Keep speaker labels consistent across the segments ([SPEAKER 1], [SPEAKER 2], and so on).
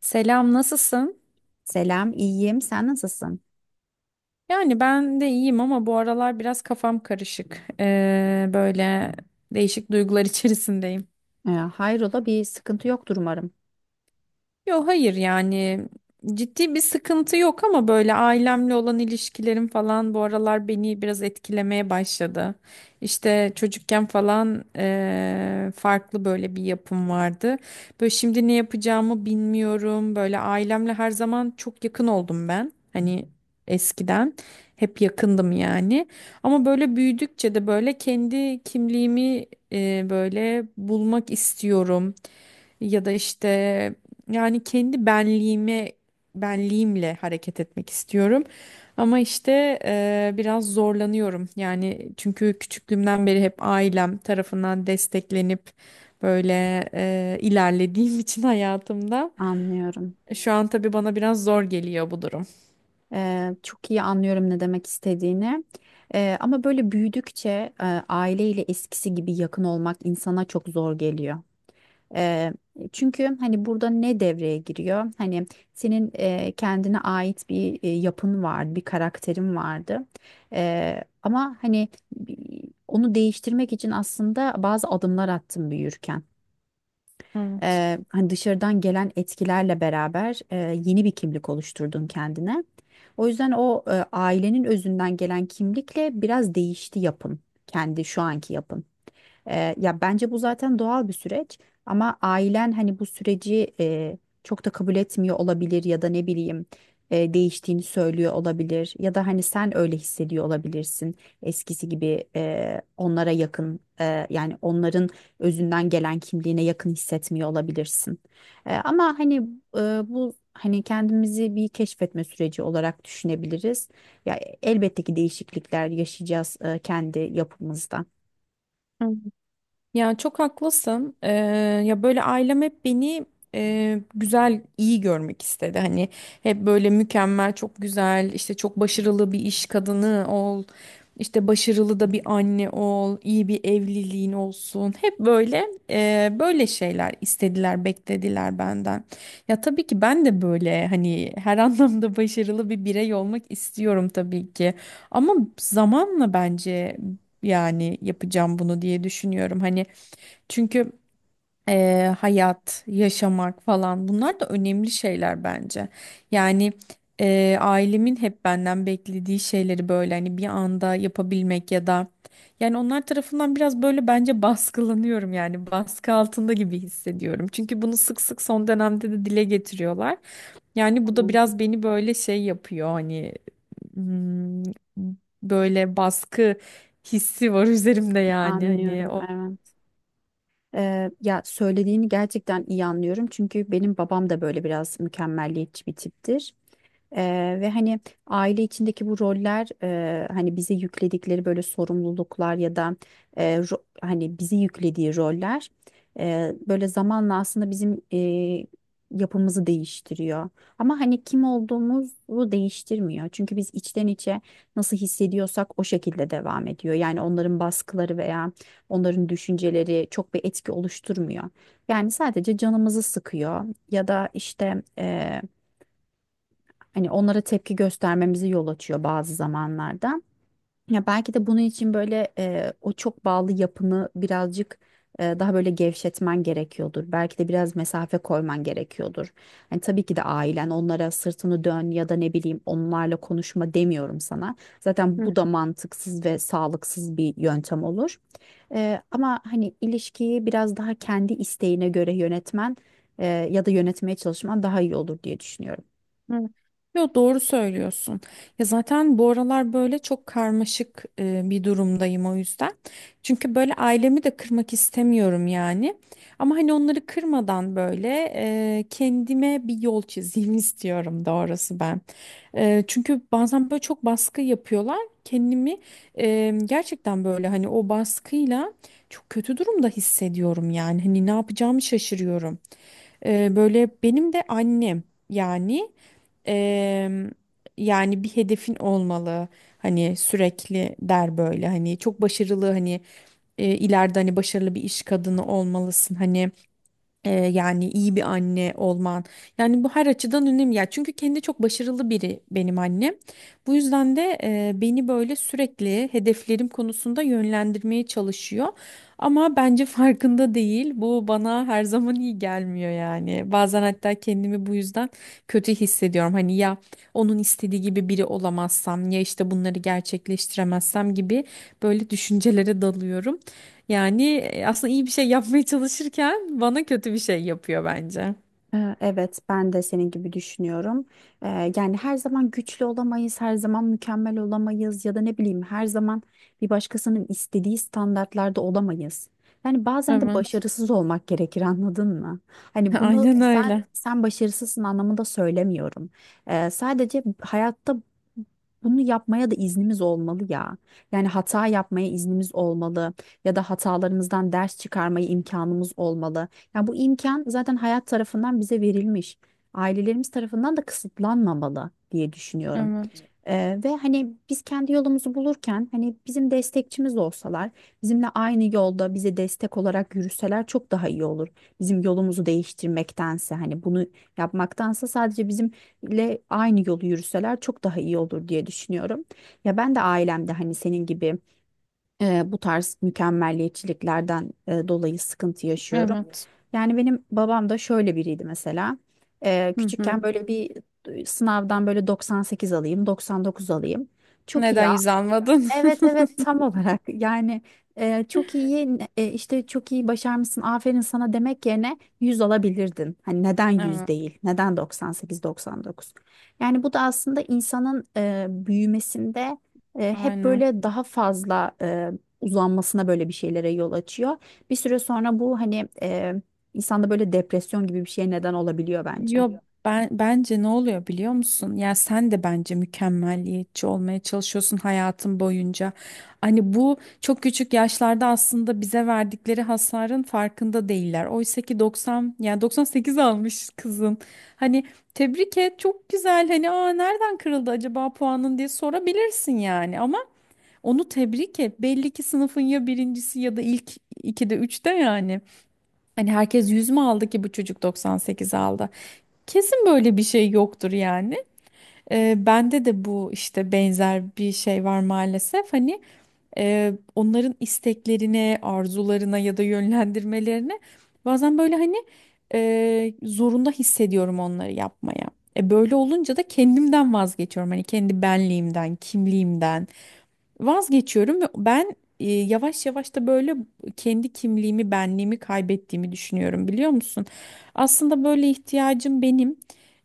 [SPEAKER 1] Selam, nasılsın?
[SPEAKER 2] Selam, iyiyim. Sen nasılsın?
[SPEAKER 1] Yani ben de iyiyim ama bu aralar biraz kafam karışık. Böyle değişik duygular içerisindeyim.
[SPEAKER 2] Hayrola, bir sıkıntı yoktur umarım.
[SPEAKER 1] Yok hayır yani ciddi bir sıkıntı yok ama böyle ailemle olan ilişkilerim falan bu aralar beni biraz etkilemeye başladı. İşte çocukken falan farklı böyle bir yapım vardı. Böyle şimdi ne yapacağımı bilmiyorum. Böyle ailemle her zaman çok yakın oldum ben. Hani eskiden hep yakındım yani. Ama böyle büyüdükçe de böyle kendi kimliğimi böyle bulmak istiyorum ya da işte yani kendi benliğimle hareket etmek istiyorum. Ama işte biraz zorlanıyorum. Yani çünkü küçüklüğümden beri hep ailem tarafından desteklenip böyle ilerlediğim için hayatımda
[SPEAKER 2] Anlıyorum.
[SPEAKER 1] şu an tabii bana biraz zor geliyor bu durum.
[SPEAKER 2] Çok iyi anlıyorum ne demek istediğini. Ama böyle büyüdükçe aileyle eskisi gibi yakın olmak insana çok zor geliyor. Ee, Çünkü hani burada ne devreye giriyor? Hani senin kendine ait bir yapın vardı, bir karakterin vardı. Ama hani onu değiştirmek için aslında bazı adımlar attım büyürken. Hani dışarıdan gelen etkilerle beraber yeni bir kimlik oluşturdun kendine. O yüzden o ailenin özünden gelen kimlikle biraz değişti yapın. Kendi şu anki yapın. Ya bence bu zaten doğal bir süreç ama ailen hani bu süreci çok da kabul etmiyor olabilir ya da ne bileyim değiştiğini söylüyor olabilir ya da hani sen öyle hissediyor olabilirsin eskisi gibi onlara yakın, yani onların özünden gelen kimliğine yakın hissetmiyor olabilirsin. Ama hani bu hani kendimizi bir keşfetme süreci olarak düşünebiliriz. Ya elbette ki değişiklikler yaşayacağız, kendi yapımızda.
[SPEAKER 1] Evet. Ya çok haklısın. Ya böyle ailem hep beni güzel, iyi görmek istedi. Hani hep böyle mükemmel, çok güzel, işte çok başarılı bir iş kadını ol, işte başarılı da bir anne ol, iyi bir evliliğin olsun. Hep böyle böyle şeyler istediler, beklediler benden. Ya tabii ki ben de böyle hani her anlamda başarılı bir birey olmak istiyorum tabii ki. Ama zamanla bence yani yapacağım bunu diye düşünüyorum. Hani çünkü hayat, yaşamak falan bunlar da önemli şeyler bence. Yani ailemin hep benden beklediği şeyleri böyle hani bir anda yapabilmek ya da yani onlar tarafından biraz böyle bence baskılanıyorum yani baskı altında gibi hissediyorum. Çünkü bunu sık sık son dönemde de dile getiriyorlar. Yani bu da biraz beni böyle şey yapıyor hani hmm, böyle baskı hissi var üzerimde yani hani
[SPEAKER 2] Anlıyorum.
[SPEAKER 1] o.
[SPEAKER 2] Evet. Ya söylediğini gerçekten iyi anlıyorum. Çünkü benim babam da böyle biraz mükemmelliyetçi bir tiptir. Ve hani aile içindeki bu roller, hani bize yükledikleri böyle sorumluluklar ya da hani bizi yüklediği roller böyle zamanla aslında bizim yapımızı değiştiriyor. Ama hani kim olduğumuzu değiştirmiyor. Çünkü biz içten içe nasıl hissediyorsak o şekilde devam ediyor. Yani onların baskıları veya onların düşünceleri çok bir etki oluşturmuyor. Yani sadece canımızı sıkıyor ya da işte hani onlara tepki göstermemizi yol açıyor bazı zamanlarda. Ya belki de bunun için böyle o çok bağlı yapını birazcık daha böyle gevşetmen gerekiyordur. Belki de biraz mesafe koyman gerekiyordur. Hani tabii ki de ailen onlara sırtını dön ya da ne bileyim onlarla konuşma demiyorum sana. Zaten bu da mantıksız ve sağlıksız bir yöntem olur. Ama hani ilişkiyi biraz daha kendi isteğine göre yönetmen, ya da yönetmeye çalışman daha iyi olur diye düşünüyorum.
[SPEAKER 1] Hı. Yo doğru söylüyorsun. Ya zaten bu aralar böyle çok karmaşık bir durumdayım o yüzden. Çünkü böyle ailemi de kırmak istemiyorum yani. Ama hani onları kırmadan böyle kendime bir yol çizeyim istiyorum doğrusu ben. Çünkü bazen böyle çok baskı yapıyorlar. Kendimi gerçekten böyle hani o baskıyla çok kötü durumda hissediyorum yani. Hani ne yapacağımı şaşırıyorum. Böyle benim de annem yani eee, yani bir hedefin olmalı hani sürekli der böyle hani çok başarılı hani ileride hani başarılı bir iş kadını olmalısın hani yani iyi bir anne olman. Yani bu her açıdan önemli. Ya çünkü kendi çok başarılı biri benim annem. Bu yüzden de beni böyle sürekli hedeflerim konusunda yönlendirmeye çalışıyor. Ama bence farkında değil. Bu bana her zaman iyi gelmiyor yani. Bazen hatta kendimi bu yüzden kötü hissediyorum. Hani ya onun istediği gibi biri olamazsam ya işte bunları gerçekleştiremezsem gibi böyle düşüncelere dalıyorum. Yani aslında iyi bir şey yapmaya çalışırken bana kötü bir şey yapıyor bence.
[SPEAKER 2] Evet, ben de senin gibi düşünüyorum. Yani her zaman güçlü olamayız, her zaman mükemmel olamayız ya da ne bileyim her zaman bir başkasının istediği standartlarda olamayız. Yani bazen de
[SPEAKER 1] Evet.
[SPEAKER 2] başarısız olmak gerekir, anladın mı? Hani bunu
[SPEAKER 1] Aynen
[SPEAKER 2] sen
[SPEAKER 1] öyle.
[SPEAKER 2] sen başarısızsın anlamında söylemiyorum. Sadece hayatta bunu yapmaya da iznimiz olmalı ya. Yani hata yapmaya iznimiz olmalı ya da hatalarımızdan ders çıkarmaya imkanımız olmalı. Ya bu imkan zaten hayat tarafından bize verilmiş. Ailelerimiz tarafından da kısıtlanmamalı diye düşünüyorum.
[SPEAKER 1] Evet.
[SPEAKER 2] Ve hani biz kendi yolumuzu bulurken hani bizim destekçimiz olsalar, bizimle aynı yolda bize destek olarak yürüseler çok daha iyi olur. Bizim yolumuzu değiştirmektense, hani bunu yapmaktansa, sadece bizimle aynı yolu yürüseler çok daha iyi olur diye düşünüyorum. Ya ben de ailemde hani senin gibi bu tarz mükemmelliyetçiliklerden dolayı sıkıntı yaşıyorum.
[SPEAKER 1] Evet.
[SPEAKER 2] Yani benim babam da şöyle biriydi mesela.
[SPEAKER 1] Hı
[SPEAKER 2] Küçükken
[SPEAKER 1] hı.
[SPEAKER 2] böyle bir sınavdan böyle 98 alayım, 99 alayım. Çok
[SPEAKER 1] Neden
[SPEAKER 2] iyi.
[SPEAKER 1] yüz almadın?
[SPEAKER 2] Evet, evet, tam olarak yani çok iyi, işte çok iyi başarmışsın, aferin sana demek yerine 100 alabilirdin. Hani neden yüz
[SPEAKER 1] Evet.
[SPEAKER 2] değil, neden 98-99, yani bu da aslında insanın büyümesinde hep
[SPEAKER 1] Aynen.
[SPEAKER 2] böyle daha fazla uzanmasına, böyle bir şeylere yol açıyor. Bir süre sonra bu hani İnsanda böyle depresyon gibi bir şeye neden olabiliyor bence.
[SPEAKER 1] Yok, ben bence ne oluyor biliyor musun? Ya sen de bence mükemmelliyetçi olmaya çalışıyorsun hayatın boyunca. Hani bu çok küçük yaşlarda aslında bize verdikleri hasarın farkında değiller. Oysa ki 90, yani 98 almış kızın. Hani tebrik et çok güzel. Hani aa nereden kırıldı acaba puanın diye sorabilirsin yani. Ama onu tebrik et. Belli ki sınıfın ya birincisi ya da ilk ikide üçte yani. Hani herkes 100 mü aldı ki bu çocuk 98 aldı? Kesin böyle bir şey yoktur yani. Bende de bu işte benzer bir şey var maalesef. Hani onların isteklerine, arzularına ya da yönlendirmelerine bazen böyle hani zorunda hissediyorum onları yapmaya. E, böyle olunca da kendimden vazgeçiyorum. Hani kendi benliğimden, kimliğimden. Vazgeçiyorum ve ben yavaş yavaş da böyle kendi kimliğimi, benliğimi kaybettiğimi düşünüyorum biliyor musun? Aslında böyle ihtiyacım benim.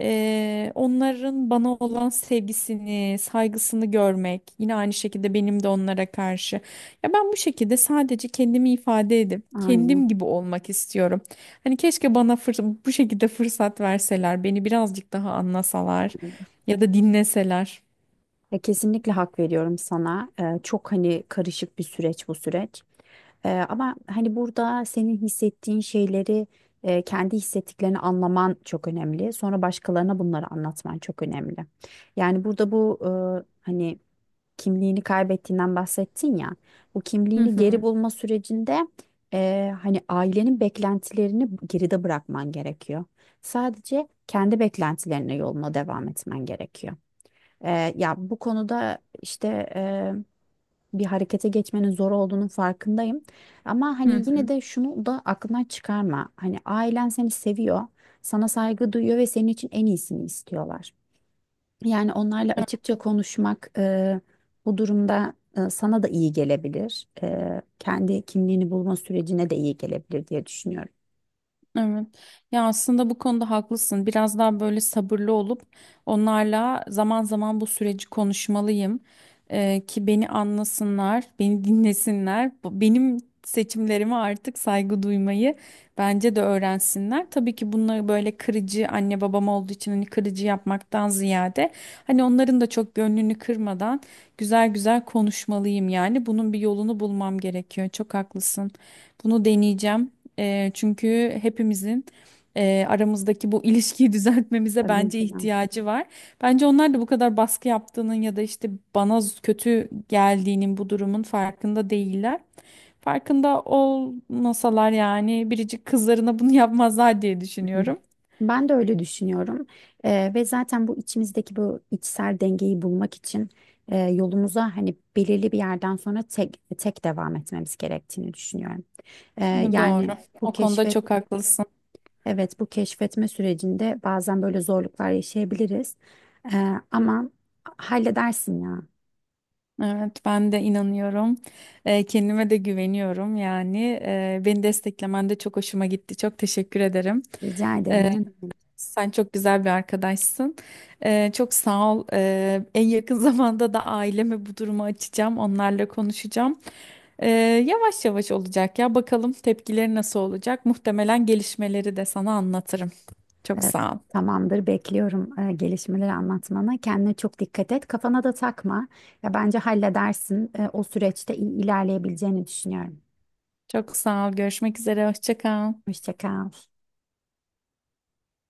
[SPEAKER 1] Onların bana olan sevgisini, saygısını görmek, yine aynı şekilde benim de onlara karşı. Ya ben bu şekilde sadece kendimi ifade edip
[SPEAKER 2] Aynen.
[SPEAKER 1] kendim gibi olmak istiyorum. Hani keşke bana bu şekilde fırsat verseler, beni birazcık daha anlasalar ya da dinleseler.
[SPEAKER 2] Ya kesinlikle hak veriyorum sana. Çok hani karışık bir süreç bu süreç. Ama hani burada senin hissettiğin şeyleri, kendi hissettiklerini anlaman çok önemli. Sonra başkalarına bunları anlatman çok önemli. Yani burada bu hani kimliğini kaybettiğinden bahsettin ya. Bu
[SPEAKER 1] Hı
[SPEAKER 2] kimliğini geri
[SPEAKER 1] hı.
[SPEAKER 2] bulma sürecinde hani ailenin beklentilerini geride bırakman gerekiyor. Sadece kendi beklentilerine yoluna devam etmen gerekiyor. Ya bu konuda işte eee, bir harekete geçmenin zor olduğunun farkındayım. Ama
[SPEAKER 1] Hı
[SPEAKER 2] hani yine
[SPEAKER 1] hı.
[SPEAKER 2] de şunu da aklından çıkarma. Hani ailen seni seviyor, sana saygı duyuyor ve senin için en iyisini istiyorlar. Yani onlarla açıkça konuşmak, bu durumda, sana da iyi gelebilir. Kendi kimliğini bulma sürecine de iyi gelebilir diye düşünüyorum.
[SPEAKER 1] Evet. Ya aslında bu konuda haklısın. Biraz daha böyle sabırlı olup onlarla zaman zaman bu süreci konuşmalıyım. Ki beni anlasınlar, beni dinlesinler. Benim seçimlerime artık saygı duymayı bence de öğrensinler. Tabii ki bunları böyle kırıcı anne babam olduğu için hani kırıcı yapmaktan ziyade hani onların da çok gönlünü kırmadan güzel güzel konuşmalıyım yani. Bunun bir yolunu bulmam gerekiyor. Çok haklısın. Bunu deneyeceğim. Çünkü hepimizin aramızdaki bu ilişkiyi düzeltmemize
[SPEAKER 2] Tabii
[SPEAKER 1] bence
[SPEAKER 2] ki de.
[SPEAKER 1] ihtiyacı var. Bence onlar da bu kadar baskı yaptığının ya da işte bana kötü geldiğinin bu durumun farkında değiller. Farkında olmasalar yani biricik kızlarına bunu yapmazlar diye düşünüyorum.
[SPEAKER 2] Ben de öyle düşünüyorum. Ve zaten bu içimizdeki bu içsel dengeyi bulmak için yolumuza hani belirli bir yerden sonra tek tek devam etmemiz gerektiğini düşünüyorum.
[SPEAKER 1] Doğru.
[SPEAKER 2] Yani bu
[SPEAKER 1] O konuda
[SPEAKER 2] keşfet
[SPEAKER 1] çok haklısın.
[SPEAKER 2] evet, bu keşfetme sürecinde bazen böyle zorluklar yaşayabiliriz. Ama halledersin ya.
[SPEAKER 1] Evet, ben de inanıyorum. Kendime de güveniyorum yani. Beni desteklemen de çok hoşuma gitti. Çok teşekkür ederim.
[SPEAKER 2] Rica ederim. Ne demek?
[SPEAKER 1] Sen çok güzel bir arkadaşsın. Çok sağ ol. En yakın zamanda da aileme bu durumu açacağım. Onlarla konuşacağım. Ee, yavaş yavaş olacak ya. Bakalım tepkileri nasıl olacak. Muhtemelen gelişmeleri de sana anlatırım. Çok
[SPEAKER 2] E,
[SPEAKER 1] sağ ol.
[SPEAKER 2] Tamamdır, bekliyorum gelişmeleri anlatmanı. Kendine çok dikkat et. Kafana da takma. Ya bence halledersin. O süreçte iyi ilerleyebileceğini düşünüyorum.
[SPEAKER 1] Çok sağ ol. Görüşmek üzere. Hoşça kal.
[SPEAKER 2] Hoşça kal.